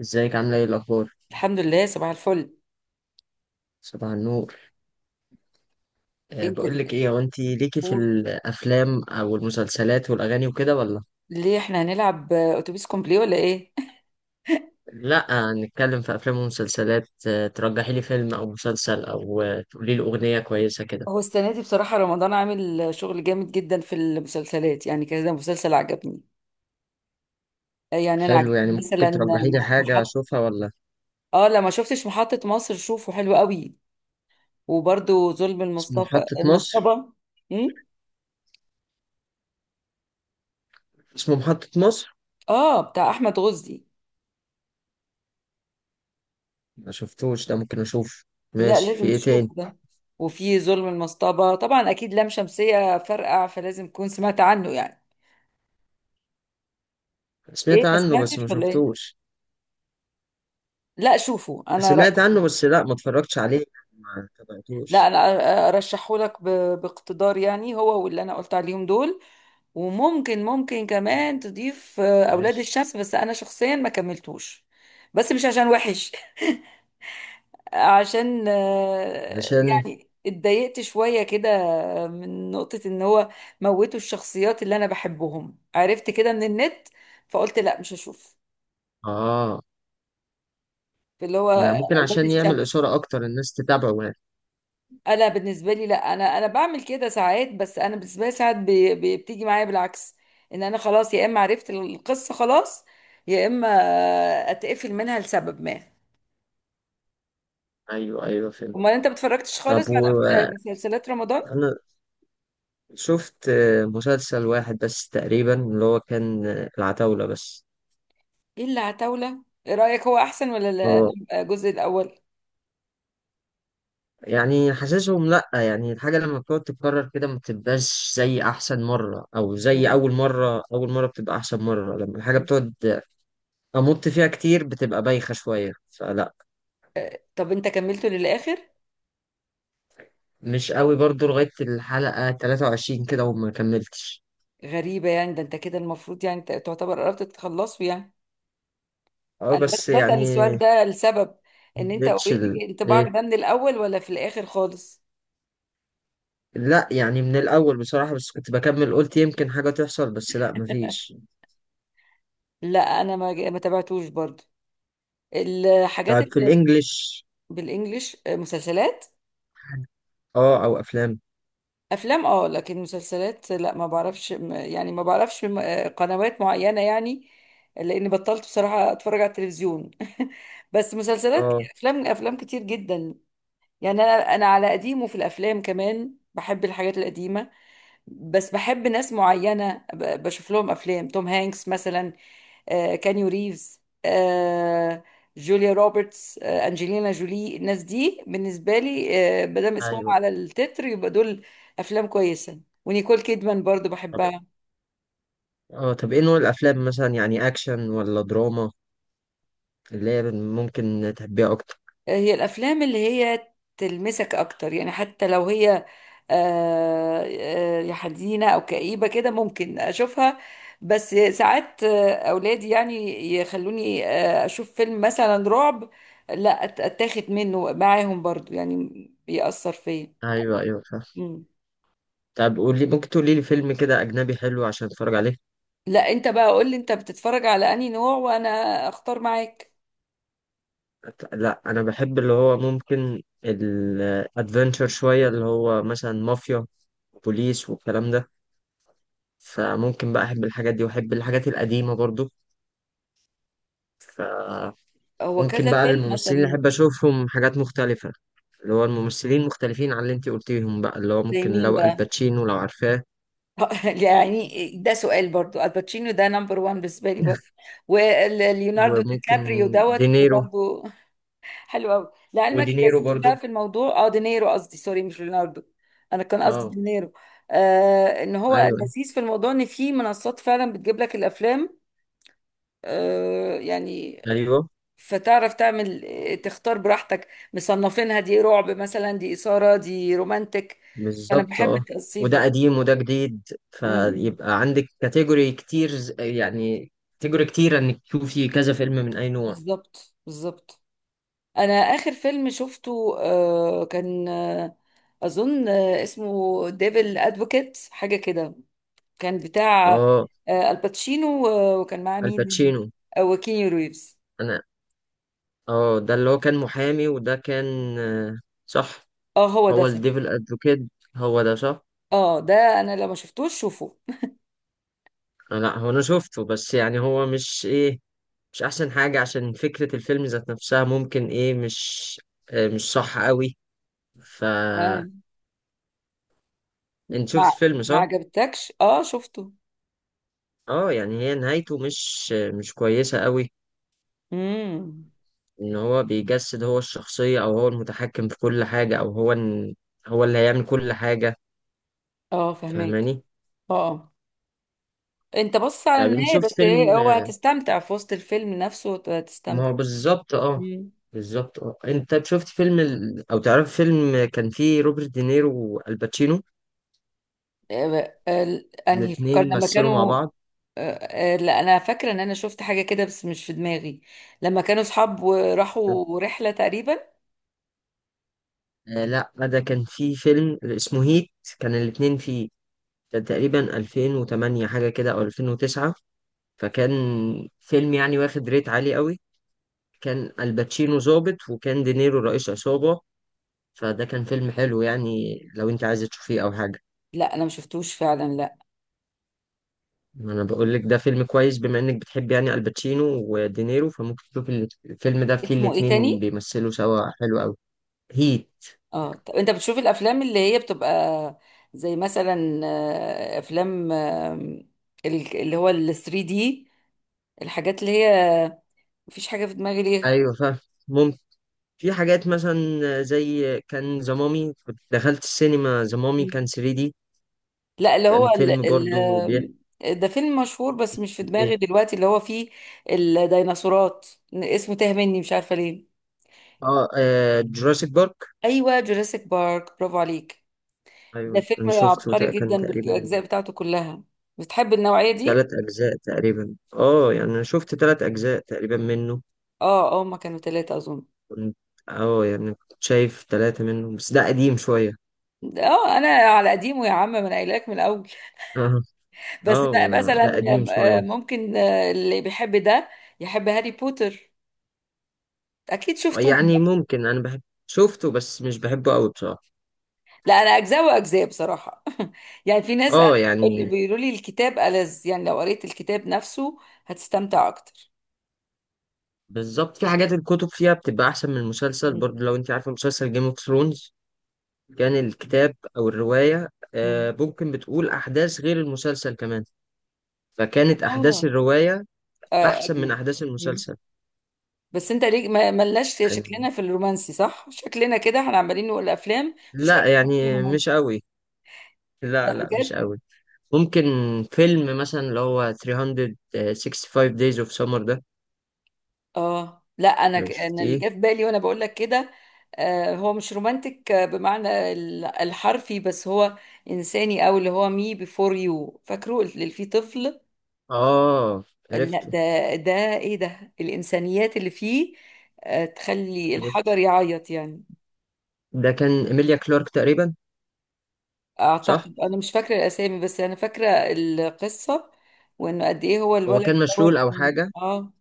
ازيك عامله ايه الاخبار؟ الحمد لله، صباح الفل. صباح النور. انت. بقول لك ايه، هو انت ليكي في قول. الافلام او المسلسلات والاغاني وكده ولا؟ ليه احنا هنلعب، اتوبيس كومبلي ولا ايه؟ لا، نتكلم في افلام ومسلسلات. ترجحي لي فيلم او مسلسل او تقولي لي اغنيه كويسه كده؟ هو السنه دي بصراحه رمضان عامل شغل جامد جدا في المسلسلات، يعني كذا مسلسل عجبني. يعني انا حلو، عجبني يعني مثلا. ممكن ترجحي لي حاجه محط. اشوفها ولا؟ اه، لما شفتش محطه مصر شوفه حلو قوي. وبرده ظلم اسمه المصطفى محطه مصر؟ المصطبه. امم. اسمه محطه مصر. اه، بتاع احمد غزي. ما شفتوش ده، ممكن اشوف. لا، ماشي، في لازم ايه تاني؟ تشوفه ده. وفي ظلم المصطبه طبعا اكيد لام شمسيه فرقع، فلازم تكون سمعت عنه يعني. ايه، سمعت ما عنه بس ما سمعتش ولا ايه؟ شفتوش. لا، شوفوا انا سمعت رأيي. عنه بس لا، ما اتفرجتش عليه. ما لا تابعتوش. انا. ارشحه لك باقتدار يعني، هو واللي انا قلت عليهم دول. وممكن ممكن كمان تضيف اولاد ماشي. الشمس، بس انا شخصيا ما كملتوش. بس مش عشان وحش. عشان علشان. يعني اتضايقت شوية كده. من نقطة ان هو موتوا الشخصيات اللي انا بحبهم، عرفت كده من النت، فقلت لا مش هشوف. اه. اللي هو ما هي ممكن اولاد عشان يعمل الشمس. إثارة أكتر الناس تتابعه يعني. انا بالنسبه لي لا، انا بعمل كده ساعات، بس انا بالنسبه لي ساعات بتيجي معايا بالعكس. ان انا خلاص يا اما عرفت القصه خلاص، يا اما اتقفل منها لسبب ما. أيوه أيوه فهمت. امال انت بتفرجتش خالص طب على وأنا مسلسلات رمضان؟ شفت مسلسل واحد بس تقريبا، اللي هو كان العتاولة بس. ايه اللي عتاوله، ايه رايك هو احسن هو الجزء الاول؟ يعني حاسسهم لأ، يعني الحاجة لما بتقعد تتكرر كده ما بتبقاش زي أحسن مرة، أو زي مم. أول مرة، أول مرة بتبقى أحسن مرة لما الحاجة بتقعد أمط فيها كتير بتبقى بايخة شوية، فلأ. طب انت كملته للاخر؟ مش قوي برضو لغاية الحلقة 23 كده وما كملتش. غريبه، يعني ده انت كده المفروض يعني تعتبر قربت تخلصه يعني. انا بس بس بسال يعني السؤال ده لسبب. ان انت مديتش ال... اوريدي انطباعك إيه. ده من الاول ولا في الاخر خالص. لا يعني من الأول بصراحة، بس كنت بكمل قلت يمكن حاجة تحصل، بس لا مفيش. لا انا ما تابعتوش برضو. الحاجات طيب، في اللي الإنجليش. بالانجلش مسلسلات اه أو أفلام. افلام، اه لكن مسلسلات لا، ما بعرفش يعني ما بعرفش قنوات معينة يعني. لاني بطلت بصراحة اتفرج على التلفزيون. بس مسلسلات، اه افلام كتير جدا. يعني انا على قديمه في الافلام، كمان بحب الحاجات القديمة. بس بحب ناس معينة، بشوف لهم افلام توم هانكس مثلا، كانيو ريفز، جوليا روبرتس، أنجلينا جولي. الناس دي بالنسبة لي مادام اسمهم أيوه. على التتر يبقى دول أفلام كويسة. ونيكول كيدمان برضو طب بحبها. إيه نوع الأفلام مثلا يعني أكشن ولا دراما، اللي هي ممكن تحبيها أكتر؟ هي الافلام اللي هي تلمسك اكتر يعني، حتى لو هي يا حزينه او كئيبه كده، ممكن اشوفها. بس ساعات اولادي يعني يخلوني اشوف فيلم مثلا رعب. لا، اتاخد منه معاهم برضو يعني. بيأثر فيا. أيوه أيوه فاهم. مم. طب قولي، ممكن تقولي لي فيلم كده أجنبي حلو عشان أتفرج عليه؟ لا، انت بقى قول لي انت بتتفرج على انهي نوع وانا اختار معاك. لا، أنا بحب اللي هو ممكن الأدفنتشر شوية، اللي هو مثلا مافيا بوليس والكلام ده. فممكن بقى أحب الحاجات دي وأحب الحاجات القديمة برضو. فممكن هو كذا بقى فيلم الممثلين اللي مثلا. أحب أشوفهم حاجات مختلفة، اللي هو الممثلين مختلفين عن اللي أنت قلتيهم بقى، اللي هو زي ممكن مين لو بقى؟ الباتشينو لو عارفاه. يعني ده سؤال برضو، الباتشينو ده نمبر وان بالنسبه لي برضو. وليوناردو دي وممكن كابريو دوت دينيرو. برضو. حلو قوي لعلمك. ودينيرو اللذيذ بقى برضو في الموضوع اه دينيرو، قصدي سوري مش ليوناردو. انا كان قصدي اه. دينيرو. ان هو أيوه اللذيذ في الموضوع ان في منصات فعلا بتجيب لك الافلام. يعني أيوه فتعرف تعمل تختار براحتك، مصنفينها دي رعب مثلا، دي اثاره، دي رومانتك. انا بالظبط بحب اه. التقصيفه وده دي. قديم وده جديد، م- م. فيبقى عندك كاتيجوري كتير، يعني كاتيجوري كتير إنك تشوفي كذا فيلم من أي نوع. بالظبط، بالظبط. انا اخر فيلم شفته كان اظن اسمه ديفل ادفوكيت حاجه كده. كان بتاع اه الباتشينو، وكان معاه مين؟ الباتشينو. وكيني ريفز. أنا. اه ده اللي هو كان محامي، وده كان صح. اه، هو ده هو صح. الديفل ادفوكيت. هو ده صح. اه ده، انا لما شفتوش شوفه. لا، هو انا شفته، بس يعني هو مش ايه، مش احسن حاجة. عشان فكرة الفيلم ذات نفسها ممكن ايه، مش مش صح قوي. ف آه، انت ما شفت الفيلم ما صح؟ عجبتكش؟ اه شفته. اه يعني هي نهايته مش مش كويسة قوي. امم. ان هو بيجسد هو الشخصية او هو المتحكم في كل حاجة، او هو هو اللي هيعمل كل حاجة. اه فهماك. فاهماني؟ اه. انت بص على طب انت النهايه شفت بس، فيلم؟ إيه، هو هتستمتع في وسط الفيلم نفسه، ما هتستمتع. هو بالظبط اه بالظبط انت شفت فيلم او تعرف فيلم كان فيه روبرت دينيرو والباتشينو، انهي الاتنين فكرنا لما مثلوا مع كانوا. بعض؟ آه، لا، انا فاكره ان انا شفت حاجه كده بس مش في دماغي. لما كانوا اصحاب وراحوا رحله تقريبا. لا، ده كان فيه فيلم اسمه هيت. كان الاتنين فيه. كان تقريبا 2008 حاجة كده او 2009. فكان فيلم يعني واخد ريت عالي قوي. كان الباتشينو ظابط وكان دينيرو رئيس عصابة. فده كان فيلم حلو يعني، لو انت عايز تشوفيه او حاجة. لا انا ما شفتوش فعلا، لا. ما انا بقول لك ده فيلم كويس، بما انك بتحب يعني الباتشينو ودينيرو، فممكن تشوف الفيلم ده فيه اسمه ايه الاتنين تاني؟ بيمثلوا سوا حلو قوي. هيت. اه، طب انت بتشوف الافلام اللي هي بتبقى زي مثلا افلام اللي هو ال 3 دي، الحاجات اللي هي مفيش حاجه في دماغي ايوه فاهم. ممكن. في حاجات مثلا زي كان ذا مامي. كنت دخلت السينما ذا مامي ليه. كان 3 دي. لا اللي هو كان ال. فيلم برضو بيحكي. ال ده فيلم مشهور بس مش في ايه دماغي دلوقتي، اللي هو فيه الديناصورات. اسمه تاه مني مش عارفة ليه. اه, آه جوراسيك بارك. ايوه جوراسيك بارك، برافو عليك. ده ايوه انا فيلم شفته عبقري كان جدا تقريبا بالاجزاء بتاعته كلها. بتحب النوعية ثلاث دي؟ اجزاء تقريبا اه يعني انا شفت ثلاث اجزاء تقريبا منه. اه، اه، هما كانوا ثلاثة اظن. كنت اه يعني كنت شايف ثلاثة منهم بس ده قديم شوية. اه، انا على قديمه يا عم، ما انا قايلاك من الاول. بس اه ده مثلا قديم شوية. ممكن اللي بيحب ده يحب هاري بوتر، اكيد شفته. يعني ممكن انا بحب. شفته بس مش بحبه قوي بصراحة. لا انا اجزاء واجزاء بصراحه. يعني في ناس اه يعني. بيقولوا لي الكتاب ألذ، يعني لو قريت الكتاب نفسه هتستمتع اكتر. بالظبط. في حاجات الكتب فيها بتبقى احسن من المسلسل مم. برضه. لو انت عارفة مسلسل جيم اوف ثرونز، كان الكتاب او الرواية مم. ممكن بتقول احداث غير المسلسل كمان، فكانت احداث اه الرواية احسن من اجمل. احداث مم. المسلسل. بس انت ليه ما ملناش يعني. شكلنا في الرومانسي، صح؟ شكلنا كده احنا عمالين نقول افلام مفيش لا ولا واحد فيه يعني مش رومانسي. قوي. لا لا لا مش بجد. قوي. ممكن فيلم مثلا اللي هو 365 days of summer ده. اه لا، انا لو انا اللي شفتيه جه في بالي وانا بقول لك كده. هو مش رومانتك بمعنى الحرفي، بس هو انساني. او اللي هو مي بيفور يو، فاكره اللي فيه طفل. اه. لا عرفته. ده. ده ايه ده، الانسانيات اللي فيه تخلي عرفته. الحجر يعيط يعني. ده كان إيميليا كلارك تقريبا. صح. اعتقد انا مش فاكره الاسامي بس انا فاكره القصه. وانه قد ايه هو هو كان الولد مشلول دوت، او كان حاجة. اه.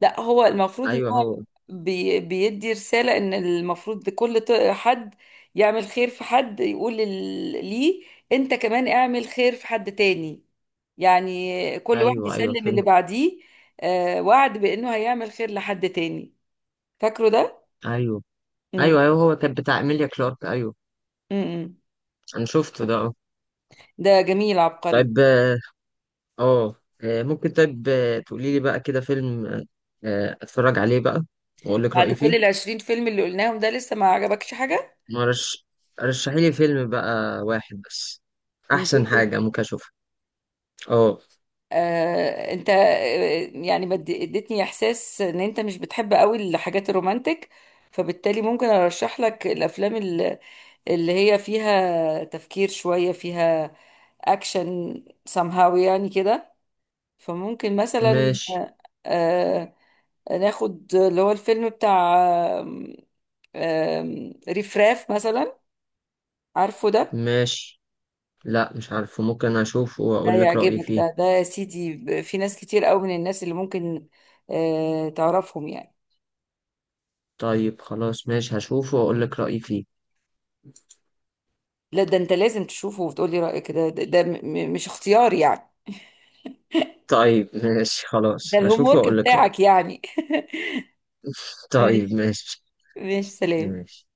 لا هو المفروض ان ايوه هو. هو بيدي رساله ان المفروض كل حد يعمل خير في حد، يقول ليه انت كمان اعمل خير في حد تاني. يعني كل واحد ايوه ايوه يسلم اللي فهمت. بعديه، وعد بانه هيعمل خير لحد تاني. فاكره ده؟ ايوه ايوه امم. ايوه هو كان بتاع إيميليا كلارك ايوه. امم. انا شفته ده اه. ده جميل عبقري. طيب اه. آه، ممكن طيب تقولي لي بقى كده فيلم اتفرج عليه بقى واقول لك بعد رأيي كل فيه. 20 فيلم اللي قلناهم، ده لسه ما عجبكش حاجة؟ مرش رشحي لي فيلم بقى واحد بس، من دول احسن كل. حاجة ممكن اشوفها. اه. انت يعني ما ادي- اديتني احساس ان انت مش بتحب قوي الحاجات الرومانتك. فبالتالي ممكن ارشح لك الافلام اللي هي فيها تفكير شوية، فيها اكشن، somehow يعني كده. فممكن مثلا ماشي. آه ناخد اللي هو الفيلم بتاع آم، آم، رفراف مثلا. عارفه ده؟ ماشي. لا مش عارفه، ممكن اشوفه ده واقول لك رأيي يعجبك، فيه. ده يا سيدي، في ناس كتير قوي من الناس اللي ممكن تعرفهم يعني. طيب خلاص ماشي، هشوفه واقول لك رأيي فيه. لا، ده انت لازم تشوفه وتقولي رأيك، ده مش اختيار يعني. طيب ماشي خلاص ده الهوم هشوفه ورك واقول لك رأيي. بتاعك يعني. طيب ماشي. ماشي. ماشي، سلام. ماشي.